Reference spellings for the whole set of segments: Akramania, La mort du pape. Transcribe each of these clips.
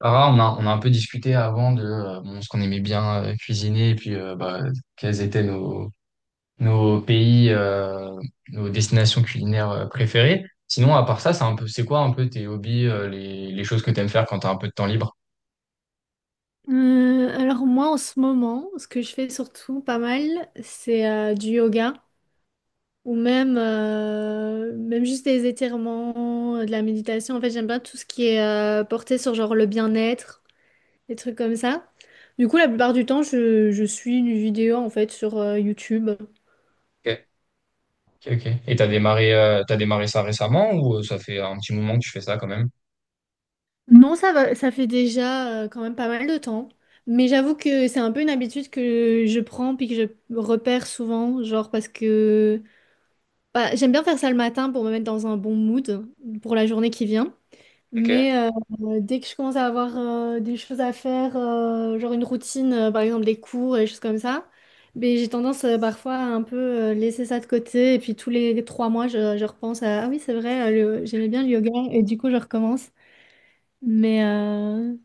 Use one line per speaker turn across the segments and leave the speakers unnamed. Ah, on a un peu discuté avant de bon, ce qu'on aimait bien cuisiner et puis bah, quels étaient nos, nos pays, nos destinations culinaires préférées. Sinon, à part ça, c'est quoi un peu tes hobbies, les choses que tu aimes faire quand tu as un peu de temps libre?
Alors moi en ce moment, ce que je fais surtout pas mal, c'est du yoga ou même, même juste des étirements, de la méditation. En fait, j'aime bien tout ce qui est porté sur genre le bien-être, des trucs comme ça. Du coup, la plupart du temps, je suis une vidéo en fait sur YouTube.
Ok, ok. Ok. Et t'as démarré ça récemment ou ça fait un petit moment que tu fais ça quand même?
Non, ça va, ça fait déjà quand même pas mal de temps. Mais j'avoue que c'est un peu une habitude que je prends puis que je repère souvent, genre parce que. Bah, j'aime bien faire ça le matin pour me mettre dans un bon mood pour la journée qui vient.
Ok,
Mais dès que je commence à avoir des choses à faire, genre une routine, par exemple des cours et des choses comme ça, mais j'ai tendance parfois à un peu laisser ça de côté. Et puis tous les 3 mois, je repense à, ah oui, c'est vrai, j'aimais bien le yoga et du coup, je recommence. Mais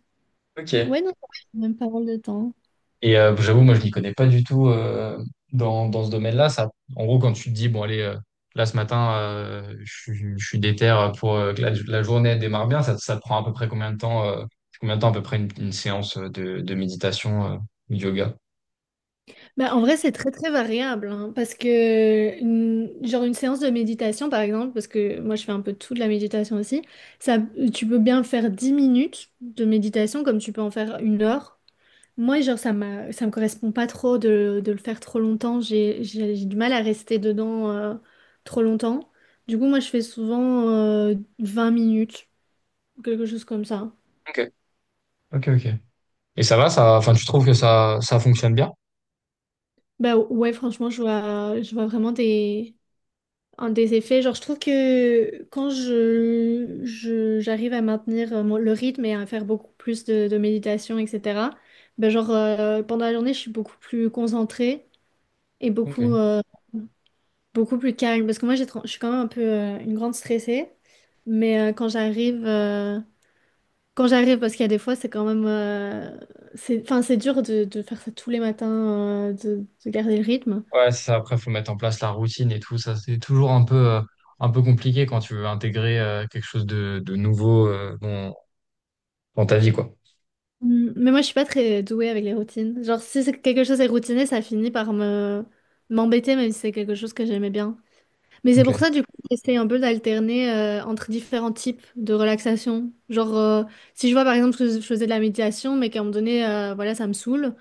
ok.
ouais, non, ça prend même pas mal de temps.
Et j'avoue, moi, je n'y connais pas du tout dans ce domaine-là. Ça, en gros, quand tu te dis, bon, allez, là, ce matin, je suis déter pour que la journée démarre bien, ça te prend à peu près combien de temps, à peu près une séance de méditation, ou de yoga?
Bah, en vrai, c'est très très variable hein, parce que genre une séance de méditation par exemple, parce que moi je fais un peu tout de la méditation aussi, ça, tu peux bien faire 10 minutes de méditation comme tu peux en faire 1 heure. Moi, genre ça me correspond pas trop de le faire trop longtemps, j'ai du mal à rester dedans trop longtemps. Du coup, moi je fais souvent 20 minutes, quelque chose comme ça.
Ok. Ok, ok. Et ça va, ça, enfin, tu trouves que ça fonctionne bien?
Bah ouais, franchement, je vois vraiment un des effets, genre je trouve que quand j'arrive à maintenir le rythme et à faire beaucoup plus de méditation, etc., ben genre pendant la journée, je suis beaucoup plus concentrée et
Ok.
beaucoup plus calme. Parce que moi, je suis quand même un peu une grande stressée, mais quand j'arrive, parce qu'il y a des fois, c'est quand même, enfin, c'est dur de faire ça tous les matins, de garder le rythme.
Ouais, c'est ça. Après, faut mettre en place la routine et tout. Ça, c'est toujours un peu compliqué quand tu veux intégrer quelque chose de nouveau dans ta vie, quoi.
Mm, mais moi, je suis pas très douée avec les routines. Genre, si c'est quelque chose est routiné, ça finit par me m'embêter, même si c'est quelque chose que j'aimais bien. Mais c'est pour
Ok.
ça, du coup, j'essaie un peu d'alterner entre différents types de relaxation. Genre, si je vois par exemple que je faisais de la méditation, mais qu'à un moment donné, voilà, ça me saoule,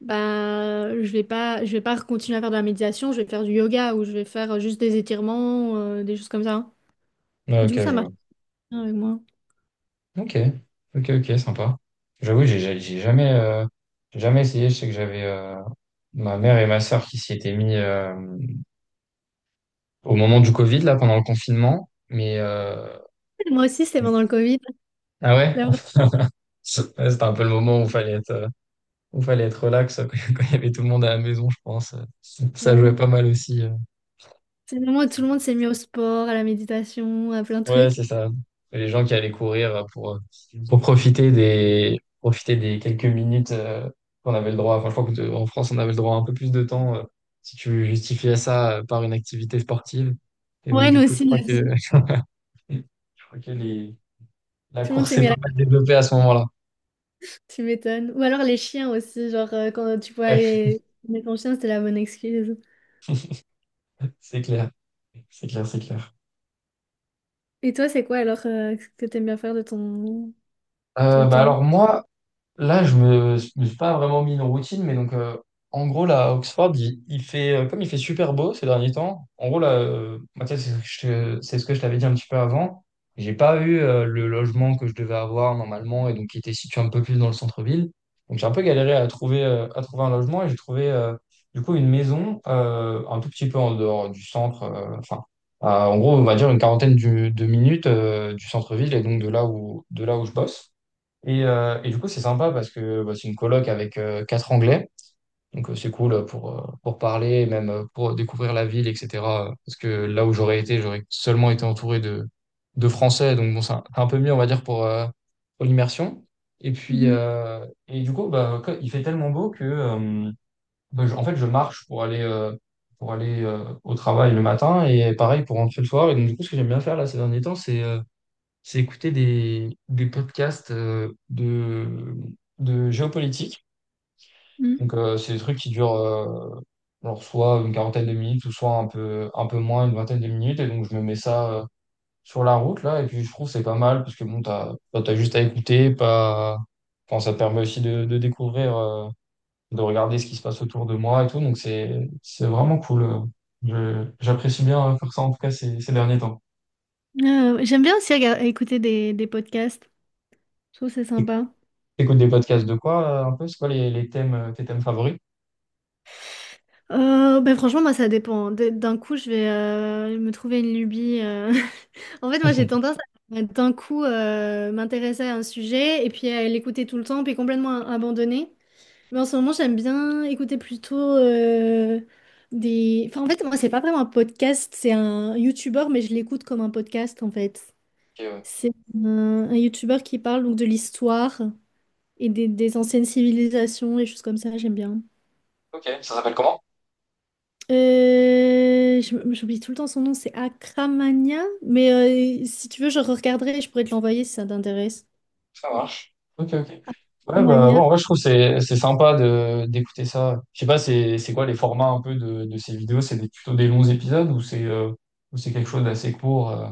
bah, je vais pas continuer à faire de la méditation. Je vais faire du yoga ou je vais faire juste des étirements, des choses comme ça, hein.
Ouais, ok,
Du coup, ça
je
marche
vois.
bien avec moi.
Ok, ok, ok, sympa. J'avoue, j'ai jamais essayé. Je sais que j'avais ma mère et ma sœur qui s'y étaient mis au moment du Covid, là, pendant le confinement. Mais
Moi aussi, c'était pendant le Covid.
ah ouais,
La vraie-
c'était un peu le moment où fallait être relax quand il y avait tout le monde à la maison, je pense. Ça jouait
ouais.
pas mal aussi.
C'est le moment où tout le monde s'est mis au sport, à la méditation, à plein de
Ouais,
trucs.
c'est ça. Les gens qui allaient courir pour profiter des quelques minutes qu'on avait le droit. Enfin, je crois qu'en France, on avait le droit à un peu plus de temps si tu justifiais ça par une activité sportive. Et donc,
Ouais,
du
nous
coup, je
aussi.
crois que, je crois que la
Tout le monde
course
s'est
s'est
mis à
pas
la.
mal développée à ce moment-là.
Tu m'étonnes. Ou alors les chiens aussi, genre quand tu pouvais
Ouais,
aller mettre ton chien, c'était la bonne excuse.
c'est clair. C'est clair, c'est clair.
Et toi, c'est quoi alors que t'aimes bien faire de ton,
Euh,
ton
bah
temps?
alors, moi, là, je me suis pas vraiment mis une routine, mais donc, en gros, là, à Oxford, comme il fait super beau ces derniers temps, en gros, là, moi, tu sais, c'est ce que je t'avais dit un petit peu avant. J'ai pas eu le logement que je devais avoir normalement et donc qui était situé un peu plus dans le centre-ville. Donc, j'ai un peu galéré à trouver un logement et j'ai trouvé, du coup, une maison un tout petit peu en dehors du centre, enfin, en gros, on va dire une quarantaine de minutes du centre-ville et donc de là où je bosse. Et du coup, c'est sympa parce que bah, c'est une coloc avec quatre Anglais. Donc, c'est cool pour parler, même pour découvrir la ville, etc. Parce que là où j'aurais été, j'aurais seulement été entouré de Français. Donc, bon, c'est un peu mieux, on va dire, pour l'immersion. Et puis,
Mhm,
euh, et du coup, bah, il fait tellement beau que, bah, en fait, je marche pour aller au travail le matin et pareil pour rentrer le soir. Et donc, du coup, ce que j'aime bien faire là ces derniers temps, c'est. J'ai écouté des podcasts de géopolitique.
mhm.
Donc, c'est des trucs qui durent alors soit une quarantaine de minutes ou soit un peu moins, une vingtaine de minutes. Et donc, je me mets ça sur la route, là. Et puis, je trouve que c'est pas mal parce que, bon, bah, t'as juste à écouter, pas. Enfin, ça permet aussi de découvrir, de regarder ce qui se passe autour de moi et tout. Donc, c'est vraiment cool. J'apprécie bien faire ça, en tout cas, ces derniers temps.
J'aime bien aussi écouter des podcasts. Je trouve que c'est sympa.
T'écoutes des podcasts de quoi, un peu? C'est quoi les tes thèmes favoris?
Ben franchement, moi, ça dépend. D'un coup, je vais me trouver une lubie. En fait, moi, j'ai tendance à d'un coup m'intéresser à un sujet et puis à l'écouter tout le temps, puis complètement abandonner. Mais en ce moment, j'aime bien écouter Enfin, en fait, moi, c'est pas vraiment un podcast, c'est un YouTuber, mais je l'écoute comme un podcast, en fait.
Ok, ouais.
C'est un YouTuber qui parle donc de l'histoire et des anciennes civilisations et choses comme ça, j'aime bien.
Ok, ça s'appelle comment?
J'oublie tout le temps son nom, c'est Akramania, mais si tu veux, je regarderai et je pourrais te l'envoyer si ça t'intéresse.
Ça marche. Ok, ok. Ouais, bah, ouais,
Akramania.
en vrai, je trouve que c'est sympa de d'écouter ça. Je sais pas, c'est quoi les formats un peu de ces vidéos? C'est plutôt des longs épisodes ou c'est quelque chose d'assez court?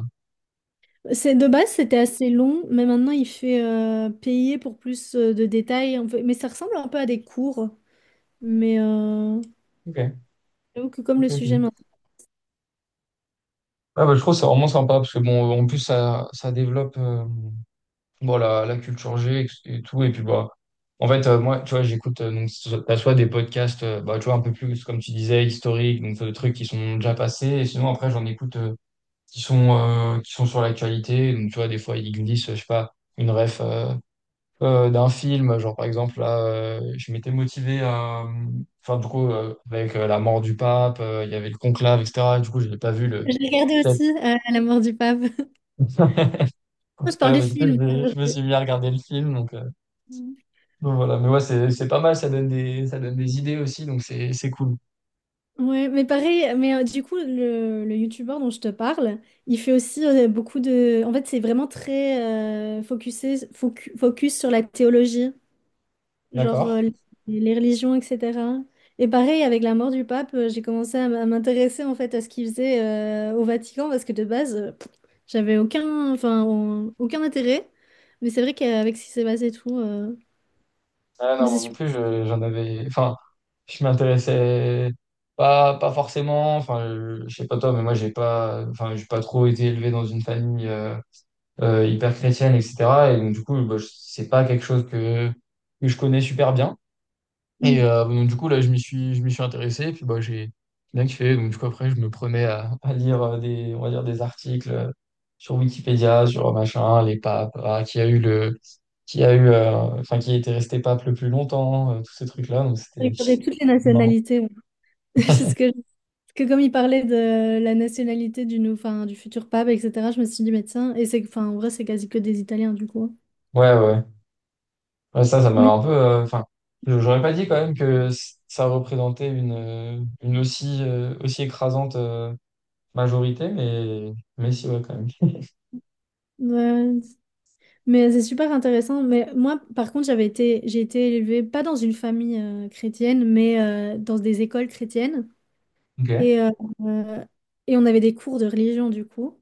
De base, c'était assez long, mais maintenant il fait payer pour plus de détails, en fait. Mais ça ressemble un peu à des cours. Mais euh,
Ok,
J'avoue que comme
ok,
le sujet
ok.
m'intéresse.
Ouais, bah, je trouve que c'est vraiment sympa parce que bon, en plus ça développe. Bon, la culture G et tout. Et puis, bah, en fait, moi, tu vois, j'écoute, donc, t'as soit des podcasts, bah, tu vois, un peu plus, comme tu disais, historiques, donc, des trucs qui sont déjà passés. Et sinon, après, j'en écoute qui sont sur l'actualité. Donc, tu vois, des fois, ils glissent, je sais pas, une ref d'un film. Genre, par exemple, là, je m'étais motivé à. Enfin, du coup, avec la mort du pape, il y avait le conclave, etc. Et cetera. Du coup, je n'ai pas vu le.
J'ai regardé aussi La mort du pape. Je parle du
Mais du coup,
film.
je me suis mis à regarder le film. Donc voilà, mais ouais, c'est pas mal, ça donne des idées aussi, donc c'est cool.
Ouais, mais pareil, mais du coup, le youtubeur dont je te parle, il fait aussi beaucoup En fait, c'est vraiment très focus sur la théologie, genre
D'accord.
les religions, etc. Et pareil, avec la mort du pape, j'ai commencé à m'intéresser en fait à ce qu'il faisait au Vatican, parce que de base, j'avais aucun, enfin, aucun intérêt. Mais c'est vrai qu'avec ce qui s'est passé et tout,
Ah non,
mais c'est
moi non
super.
plus, j'en avais. Enfin, je m'intéressais pas forcément. Enfin, je sais pas toi, mais moi, j'ai pas, enfin, j'ai pas trop été élevé dans une famille hyper chrétienne, etc. Et donc, du coup, bah, c'est pas quelque chose que je connais super bien. Et
Mm.
donc, du coup, là, je m'y suis intéressé. Et puis, bah, j'ai bien kiffé. Donc, du coup, après, je me prenais à lire des, on va dire, des articles sur Wikipédia, sur machin, les papes, ah, qui a eu le, qui a eu, enfin, qui était resté pape le plus longtemps, tous ces trucs-là. Donc, c'était
J'ai regardé toutes les
marrant.
nationalités, ouais. jusque Que comme il parlait de la nationalité enfin, du futur pape, etc., je me suis dit, mais tiens, et enfin, en vrai, c'est quasi que des Italiens, du coup.
Ouais, ouais. Ouais, ça m'avait
Mais,
un peu. Enfin, j'aurais pas dit quand même que ça représentait une aussi écrasante majorité, mais si, ouais, quand même.
ouais. Mais c'est super intéressant. Mais moi, par contre, j'ai été élevée, pas dans une famille chrétienne, mais dans des écoles chrétiennes.
Ok. Ouais.
Et, euh, euh, et on avait des cours de religion, du coup.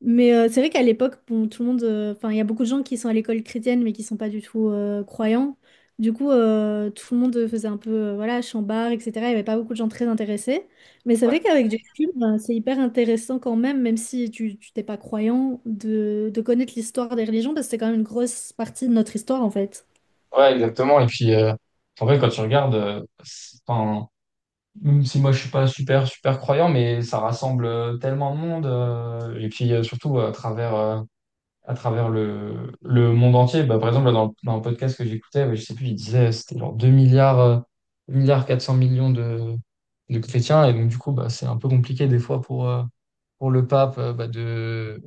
C'est vrai qu'à l'époque, bon, enfin, il y a beaucoup de gens qui sont à l'école chrétienne, mais qui sont pas du tout croyants. Du coup, tout le monde faisait un peu, voilà, chambard, etc. Il y avait pas beaucoup de gens très intéressés. Mais c'est vrai qu'avec du recul, ben, c'est hyper intéressant quand même, même si tu t'es pas croyant, de connaître l'histoire des religions, parce que c'est quand même une grosse partie de notre histoire, en fait.
Ouais, exactement. Et en fait, quand tu regardes, enfin, même si moi je suis pas super, super croyant, mais ça rassemble tellement de monde. Et puis, surtout à travers, le monde entier. Bah, par exemple, là, dans un podcast que j'écoutais, ouais, je sais plus, il disait, c'était genre 2 milliards 400 millions de chrétiens. Et donc, du coup, bah, c'est un peu compliqué des fois pour le pape, bah,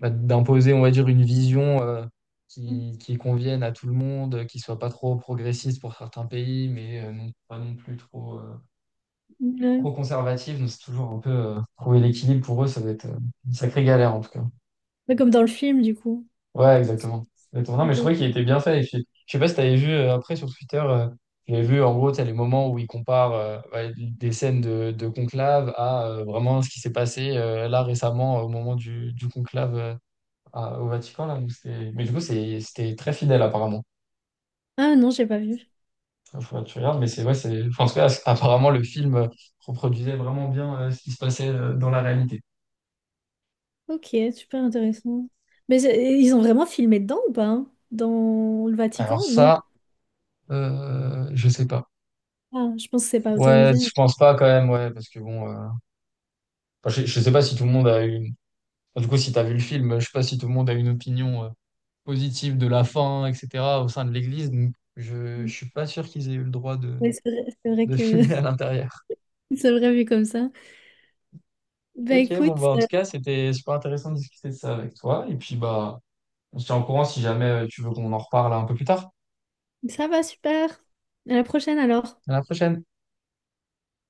bah, d'imposer, on va dire, une vision qui convienne à tout le monde, qui soit pas trop progressiste pour certains pays, mais non, pas non plus
Ouais.
trop conservative. Donc, c'est toujours un peu trouver l'équilibre pour eux, ça doit être une sacrée galère en tout cas.
Ouais, comme dans le film, du coup.
Ouais, exactement. Exactement. Non, mais je trouvais qu'il était bien fait. Et puis, je sais pas si t'avais vu après sur Twitter, j'avais vu en gros, t'as les moments où ils comparent ouais, des scènes de conclave à vraiment ce qui s'est passé là récemment au moment du conclave au Vatican, là, donc mais du coup, c'était très fidèle, apparemment.
Ah non, j'ai pas vu.
Enfin, faut que tu regardes, mais c'est ouais, c'est. Enfin, en tout cas, apparemment, le film reproduisait vraiment bien ce qui se passait dans la réalité.
Ok, super intéressant. Mais ils ont vraiment filmé dedans ou pas, hein, dans le Vatican?
Alors,
Non.
ça, je sais pas.
Ah, je pense que c'est pas
Ouais,
autorisé.
je pense pas quand même, ouais, parce que bon, enfin, je sais pas si tout le monde a une. Enfin, du coup, si t'as vu le film, je sais pas si tout le monde a une opinion positive de la fin, etc., au sein de l'Église. Donc je
Oui,
suis pas sûr qu'ils aient eu le droit
c'est vrai
de
que
filmer à l'intérieur.
c'est vrai vu comme ça. Bah
Ok, bon, bah,
écoute,
en tout cas, c'était super intéressant de discuter de ça avec toi. Et puis, bah. On se tient au courant si jamais tu veux qu'on en reparle un peu plus tard.
ça va super. À la prochaine alors.
À la prochaine.